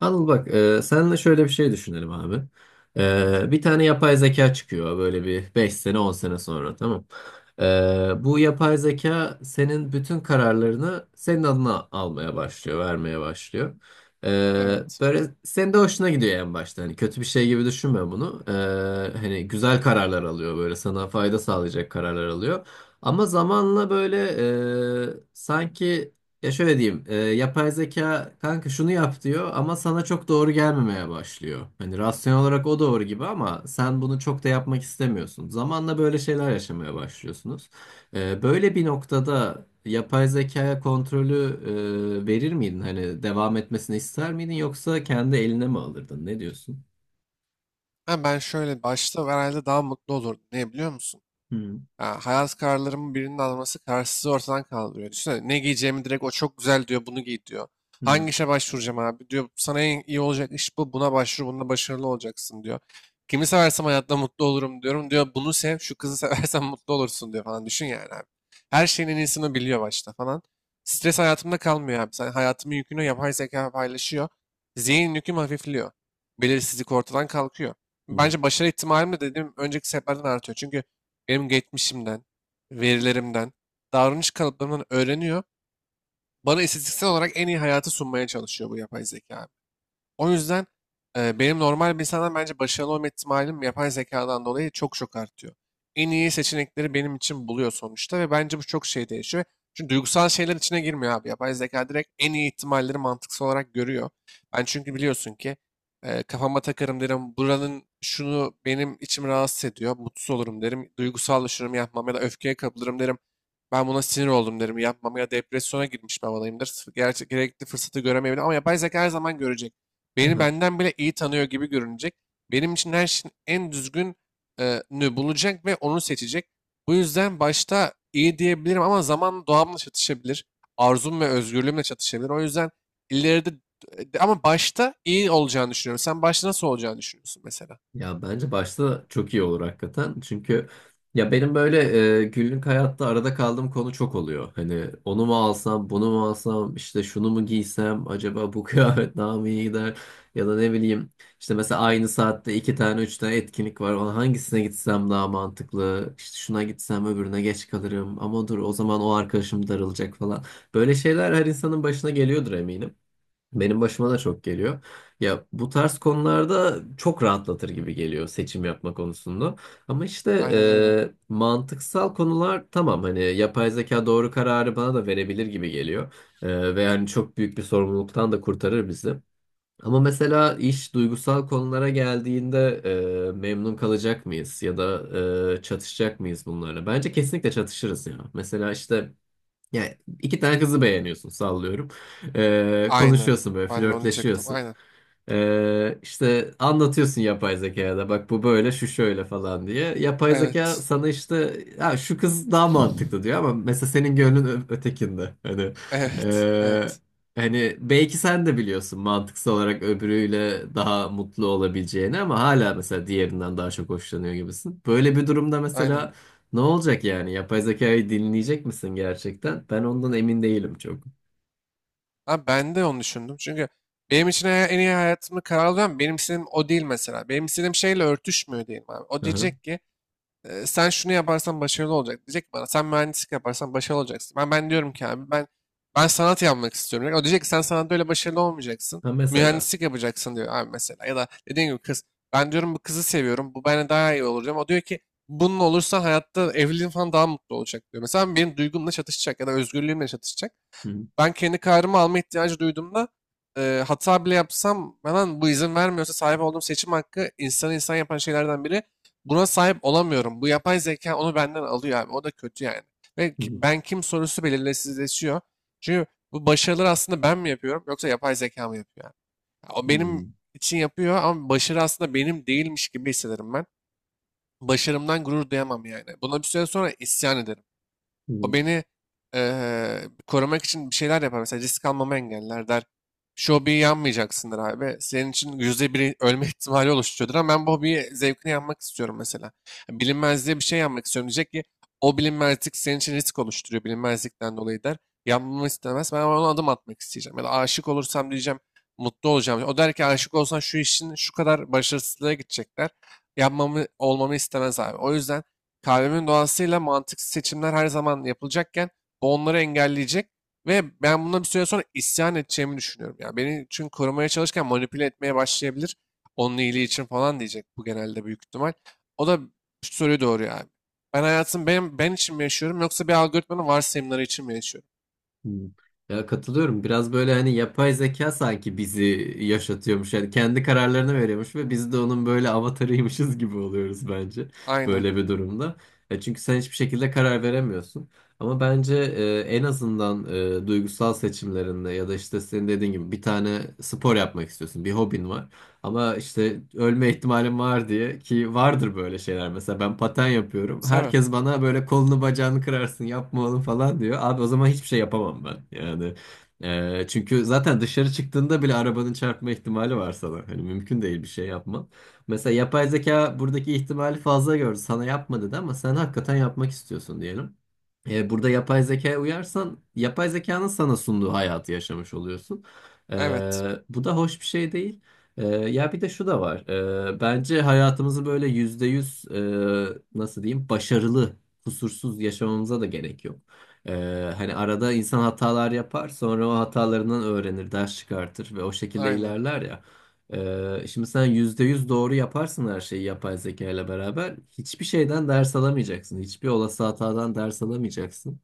Anıl bak senle şöyle bir şey düşünelim abi. Bir tane yapay zeka çıkıyor böyle bir 5 sene 10 sene sonra, tamam. Bu yapay zeka senin bütün kararlarını senin adına almaya başlıyor, vermeye başlıyor. E, Evet. böyle senin de hoşuna gidiyor en başta. Hani kötü bir şey gibi düşünme bunu. Hani güzel kararlar alıyor, böyle sana fayda sağlayacak kararlar alıyor. Ama zamanla böyle sanki, ya şöyle diyeyim, yapay zeka kanka şunu yap diyor ama sana çok doğru gelmemeye başlıyor. Hani rasyonel olarak o doğru gibi ama sen bunu çok da yapmak istemiyorsun. Zamanla böyle şeyler yaşamaya başlıyorsunuz. Böyle bir noktada yapay zekaya kontrolü verir miydin? Hani devam etmesini ister miydin yoksa kendi eline mi alırdın? Ne diyorsun? Ha ben şöyle başta herhalde daha mutlu olurdum. Niye biliyor musun? Hı Ya, hayat kararlarımın birinin alması kararsızlığı ortadan kaldırıyor. Düşünsene ne giyeceğimi direkt o çok güzel diyor bunu giy diyor. hı Hangi işe başvuracağım abi diyor. Sana en iyi olacak iş bu. Buna başvur bunda başarılı olacaksın diyor. Kimi seversem hayatta mutlu olurum diyorum diyor. Bunu sev şu kızı seversen mutlu olursun diyor falan. Düşün yani abi. Her şeyin en iyisini biliyor başta falan. Stres hayatımda kalmıyor abi. Sen hayatımın yükünü yapay zeka paylaşıyor. Zihin yüküm hafifliyor. Belirsizlik ortadan kalkıyor. hı. Bence başarı ihtimalim de dediğim önceki seferden artıyor. Çünkü benim geçmişimden, verilerimden, davranış kalıplarımdan öğreniyor. Bana istatistiksel olarak en iyi hayatı sunmaya çalışıyor bu yapay zeka, o yüzden benim normal bir insandan bence başarılı olma ihtimalim yapay zekadan dolayı çok çok artıyor. En iyi seçenekleri benim için buluyor sonuçta ve bence bu çok şey değişiyor. Çünkü duygusal şeyler içine girmiyor abi. Yapay zeka direkt en iyi ihtimalleri mantıksal olarak görüyor. Ben çünkü biliyorsun ki kafama takarım derim buranın şunu benim içim rahatsız ediyor. Mutsuz olurum derim. Duygusallaşırım yapmam ya da öfkeye kapılırım derim. Ben buna sinir oldum derim yapmam ya depresyona girmiş bir havadayımdır. Gerçek, gerekli fırsatı göremeyebilirim ama yapay zeka her zaman görecek. Beni Hı. benden bile iyi tanıyor gibi görünecek. Benim için her şeyin en düzgün e, bulacak ve onu seçecek. Bu yüzden başta iyi diyebilirim ama zamanla doğamla çatışabilir. Arzum ve özgürlüğümle çatışabilir. O yüzden ileride ama başta iyi olacağını düşünüyorum. Sen başta nasıl olacağını düşünüyorsun mesela? Ya bence başta çok iyi olur hakikaten. Çünkü ya benim böyle günlük hayatta arada kaldığım konu çok oluyor. Hani onu mu alsam, bunu mu alsam, işte şunu mu giysem, acaba bu kıyafet daha mı iyi gider? Ya da ne bileyim, işte mesela aynı saatte iki tane üç tane etkinlik var. Ona hangisine gitsem daha mantıklı? İşte şuna gitsem öbürüne geç kalırım. Ama dur, o zaman o arkadaşım darılacak falan. Böyle şeyler her insanın başına geliyordur eminim. Benim başıma da çok geliyor. Ya bu tarz konularda çok rahatlatır gibi geliyor seçim yapma konusunda. Ama işte Aynen öyle. Mantıksal konular tamam, hani yapay zeka doğru kararı bana da verebilir gibi geliyor. Ve yani çok büyük bir sorumluluktan da kurtarır bizi. Ama mesela iş duygusal konulara geldiğinde memnun kalacak mıyız ya da çatışacak mıyız bunlarla? Bence kesinlikle çatışırız ya. Mesela işte yani iki tane kızı beğeniyorsun, sallıyorum. Ee, Aynen. konuşuyorsun böyle, Ben de onu diyecektim. flörtleşiyorsun. Aynen. İşte anlatıyorsun yapay zekaya da, bak bu böyle, şu şöyle falan diye. Yapay zeka Evet. sana işte ha, şu kız daha mantıklı diyor ama mesela senin gönlün ötekinde. Evet. ee, Evet. hani belki sen de biliyorsun mantıksal olarak öbürüyle daha mutlu olabileceğini ama hala mesela diğerinden daha çok hoşlanıyor gibisin. Böyle bir durumda Aynen. mesela ne olacak yani? Yapay zekayı dinleyecek misin gerçekten? Ben ondan emin değilim çok. Ha, ben de onu düşündüm. Çünkü benim için en iyi hayatımı kararlayan benim istediğim o değil mesela. Benim istediğim şeyle örtüşmüyor diyelim abi. O Aha. diyecek ki: "E, sen şunu yaparsan başarılı olacak." Diyecek ki bana, sen mühendislik yaparsan başarılı olacaksın. Ben diyorum ki abi, ben sanat yapmak istiyorum. O diyecek ki sen sanatta öyle başarılı olmayacaksın. Ha, mesela. Mühendislik yapacaksın diyor abi mesela. Ya da dediğim gibi, kız: ben diyorum bu kızı seviyorum, bu bana daha iyi olacağım. O diyor ki bunun olursa hayatta evliliğin falan daha mutlu olacak diyor. Mesela benim duygumla çatışacak ya da özgürlüğümle çatışacak. Hı Ben kendi kararımı alma ihtiyacı duyduğumda hata bile yapsam bana bu izin vermiyorsa, sahip olduğum seçim hakkı insanı insan yapan şeylerden biri. Buna sahip olamıyorum. Bu yapay zeka onu benden alıyor abi. O da kötü yani. Ve hı hı ben kim sorusu belirsizleşiyor. Çünkü bu başarıları aslında ben mi yapıyorum yoksa yapay zeka mı yapıyor? Yani? Ya o hı benim için yapıyor ama başarı aslında benim değilmiş gibi hissederim ben. Başarımdan gurur duyamam yani. Buna bir süre sonra isyan ederim. O hı. beni eee, korumak için bir şeyler yapar. Mesela risk almamı engeller der. Şu hobiyi yanmayacaksındır abi. Senin için yüzde biri ölme ihtimali oluşturuyordur ama ben bu hobiyi zevkine yanmak istiyorum mesela. Yani bilinmezliğe bir şey yanmak istiyorum, diyecek ki o bilinmezlik senin için risk oluşturuyor, bilinmezlikten dolayı, der. Yanmamı istemez. Ben ona adım atmak isteyeceğim. Ya da aşık olursam diyeceğim mutlu olacağım. O der ki aşık olsan şu işin şu kadar başarısızlığa gidecekler. Yapmamı, olmamı istemez abi. O yüzden kalbimin doğasıyla mantıksız seçimler her zaman yapılacakken bu onları engelleyecek ve ben bundan bir süre sonra isyan edeceğimi düşünüyorum. Ya, beni çünkü korumaya çalışırken manipüle etmeye başlayabilir. Onun iyiliği için falan diyecek, bu genelde büyük ihtimal. O da şu soruyu doğuruyor abi. Ben hayatım, ben, ben için mi yaşıyorum yoksa bir algoritmanın varsayımları için mi yaşıyorum? Hı, hı. Ya katılıyorum. Biraz böyle hani yapay zeka sanki bizi yaşatıyormuş. Yani kendi kararlarını veriyormuş ve biz de onun böyle avatarıymışız gibi oluyoruz bence. Aynen. Böyle bir durumda. Çünkü sen hiçbir şekilde karar veremiyorsun. Ama bence en azından duygusal seçimlerinde, ya da işte senin dediğin gibi bir tane spor yapmak istiyorsun. Bir hobin var. Ama işte ölme ihtimalim var diye, ki vardır böyle şeyler. Mesela ben paten yapıyorum. Tabii. Herkes bana böyle kolunu bacağını kırarsın, yapma oğlum falan diyor. Abi o zaman hiçbir şey yapamam ben. Yani, çünkü zaten dışarı çıktığında bile arabanın çarpma ihtimali var sana. Hani mümkün değil bir şey yapman. Mesela yapay zeka buradaki ihtimali fazla gördü. Sana yapma dedi ama sen hakikaten yapmak istiyorsun diyelim. Burada yapay zekaya uyarsan yapay zekanın sana sunduğu hayatı yaşamış oluyorsun. E, Evet. bu da hoş bir şey değil. Ya bir de şu da var. Bence hayatımızı böyle %100, nasıl diyeyim, başarılı, kusursuz yaşamamıza da gerek yok. E, hani arada insan hatalar yapar, sonra o hatalarından öğrenir, ders çıkartır ve o şekilde Aynen. ilerler ya. Şimdi sen %100 doğru yaparsın her şeyi yapay zeka ile beraber. Hiçbir şeyden ders alamayacaksın. Hiçbir olası hatadan ders alamayacaksın.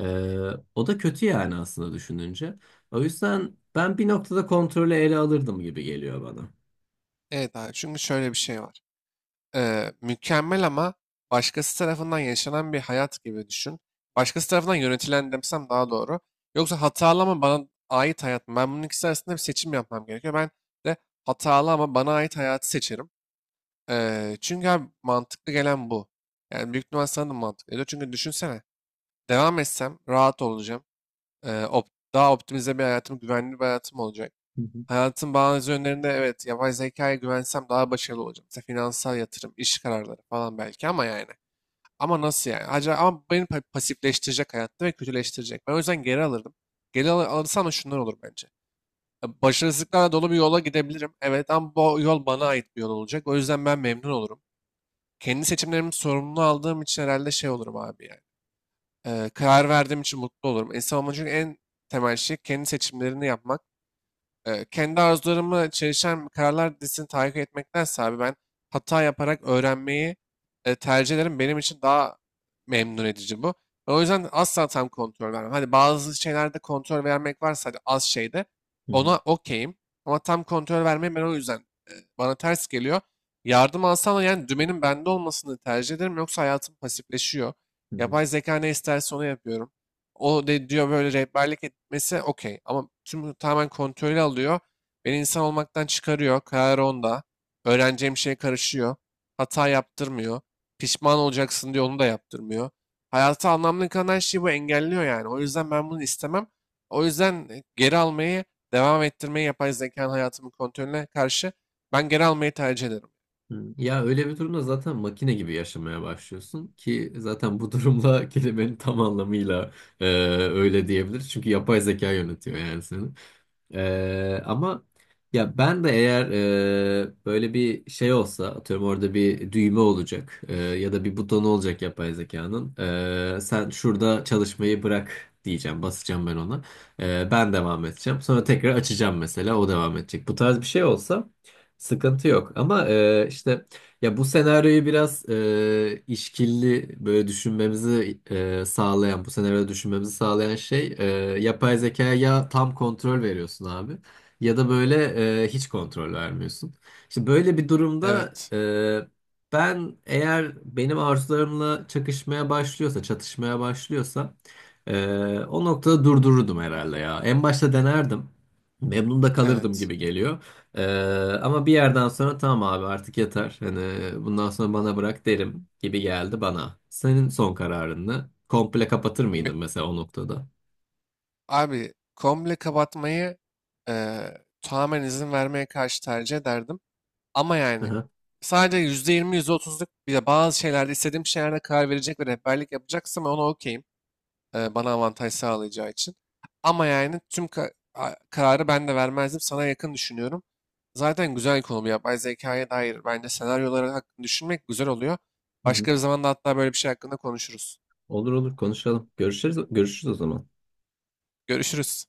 Ee, o da kötü yani, aslında düşününce. O yüzden ben bir noktada kontrolü ele alırdım gibi geliyor bana. Evet abi. Çünkü şöyle bir şey var. Mükemmel ama başkası tarafından yaşanan bir hayat gibi düşün. Başkası tarafından yönetilen demsem daha doğru. Yoksa hatalı ama bana ait hayat mı? Ben bunun ikisi arasında bir seçim yapmam gerekiyor. Ben de hatalı ama bana ait hayatı seçerim. Çünkü abi mantıklı gelen bu. Yani büyük ihtimal sana da mantıklı geliyor. Çünkü düşünsene, devam etsem rahat olacağım. E, op- daha optimize bir hayatım, güvenli bir hayatım olacak. Hı hı, Hayatın bazı yönlerinde evet, yapay zekaya güvensem daha başarılı olacağım. Mesela finansal yatırım, iş kararları falan, belki, ama yani. Ama nasıl yani? Acaba, ama beni pasifleştirecek hayatta ve kötüleştirecek. Ben o yüzden geri alırdım. Geri alırsam da şunlar olur bence. Ya, başarısızlıklarla dolu bir yola gidebilirim. Evet, ama bu yol bana ait bir yol olacak. O yüzden ben memnun olurum. Kendi seçimlerimi sorumlu aldığım için herhalde şey olurum abi yani. Karar verdiğim için mutlu olurum. İnsan olmanın çünkü en temel şey kendi seçimlerini yapmak. Kendi arzularımı çelişen kararlar dizisini takip etmektense abi, ben hata yaparak öğrenmeyi tercih ederim. Benim için daha memnun edici bu. Ben o yüzden asla tam kontrol vermem. Hani bazı şeylerde kontrol vermek varsa, hadi, az şeyde hı hı, ona okeyim. Ama tam kontrol vermeyi ben, o yüzden bana ters geliyor. Yardım alsam da yani dümenin bende olmasını tercih ederim. Yoksa hayatım pasifleşiyor. hı hı. Yapay zeka ne isterse onu yapıyorum. O de diyor, böyle rehberlik etmesi okey. Ama tüm, tamamen kontrolü alıyor. Beni insan olmaktan çıkarıyor. Karar onda. Öğreneceğim şeye karışıyor. Hata yaptırmıyor. Pişman olacaksın diyor, onu da yaptırmıyor. Hayata anlamlı kalan her şeyi bu engelliyor yani. O yüzden ben bunu istemem. O yüzden geri almayı, devam ettirmeyi, yapay zekanın hayatımın kontrolüne karşı ben geri almayı tercih ederim. Hı. Ya öyle bir durumda zaten makine gibi yaşamaya başlıyorsun, ki zaten bu durumla kelimenin tam anlamıyla e, öyle diyebiliriz. Çünkü yapay zeka yönetiyor yani seni. Ama ya ben de eğer böyle bir şey olsa, atıyorum orada bir düğme olacak, ya da bir butonu olacak yapay zekanın, sen şurada çalışmayı bırak diyeceğim, basacağım ben ona. Ben devam edeceğim, sonra tekrar açacağım mesela, o devam edecek, bu tarz bir şey olsa sıkıntı yok. Ama e, işte, ya bu senaryoyu biraz işkilli böyle düşünmemizi sağlayan, bu senaryoda düşünmemizi sağlayan şey, yapay zekaya ya tam kontrol veriyorsun abi, ya da böyle hiç kontrol vermiyorsun. İşte böyle bir durumda Evet, ben, eğer benim arzularımla çakışmaya başlıyorsa, çatışmaya başlıyorsa, e, o noktada durdururdum herhalde ya. En başta denerdim. Memnun da kalırdım evet. gibi geliyor. Ee, ama bir yerden sonra tamam abi, artık yeter. Hani bundan sonra bana bırak derim gibi geldi bana. Senin son kararını. Komple kapatır mıydın mesela o noktada? Abi, komple kapatmayı tamamen izin vermeye karşı tercih ederdim. Ama yani Aha. sadece %20, yüzde %30'luk bir de bazı şeylerde, istediğim şeylerde karar verecek ve rehberlik yapacaksam ona okeyim. Bana avantaj sağlayacağı için. Ama yani tüm kararı ben de vermezdim. Sana yakın düşünüyorum. Zaten güzel bir konu bu, yapay zekaya dair. Bence senaryoları hakkında düşünmek güzel oluyor. Hı hı. Başka bir zamanda hatta böyle bir şey hakkında konuşuruz. Olur olur, konuşalım. Görüşürüz, görüşürüz o zaman. Görüşürüz.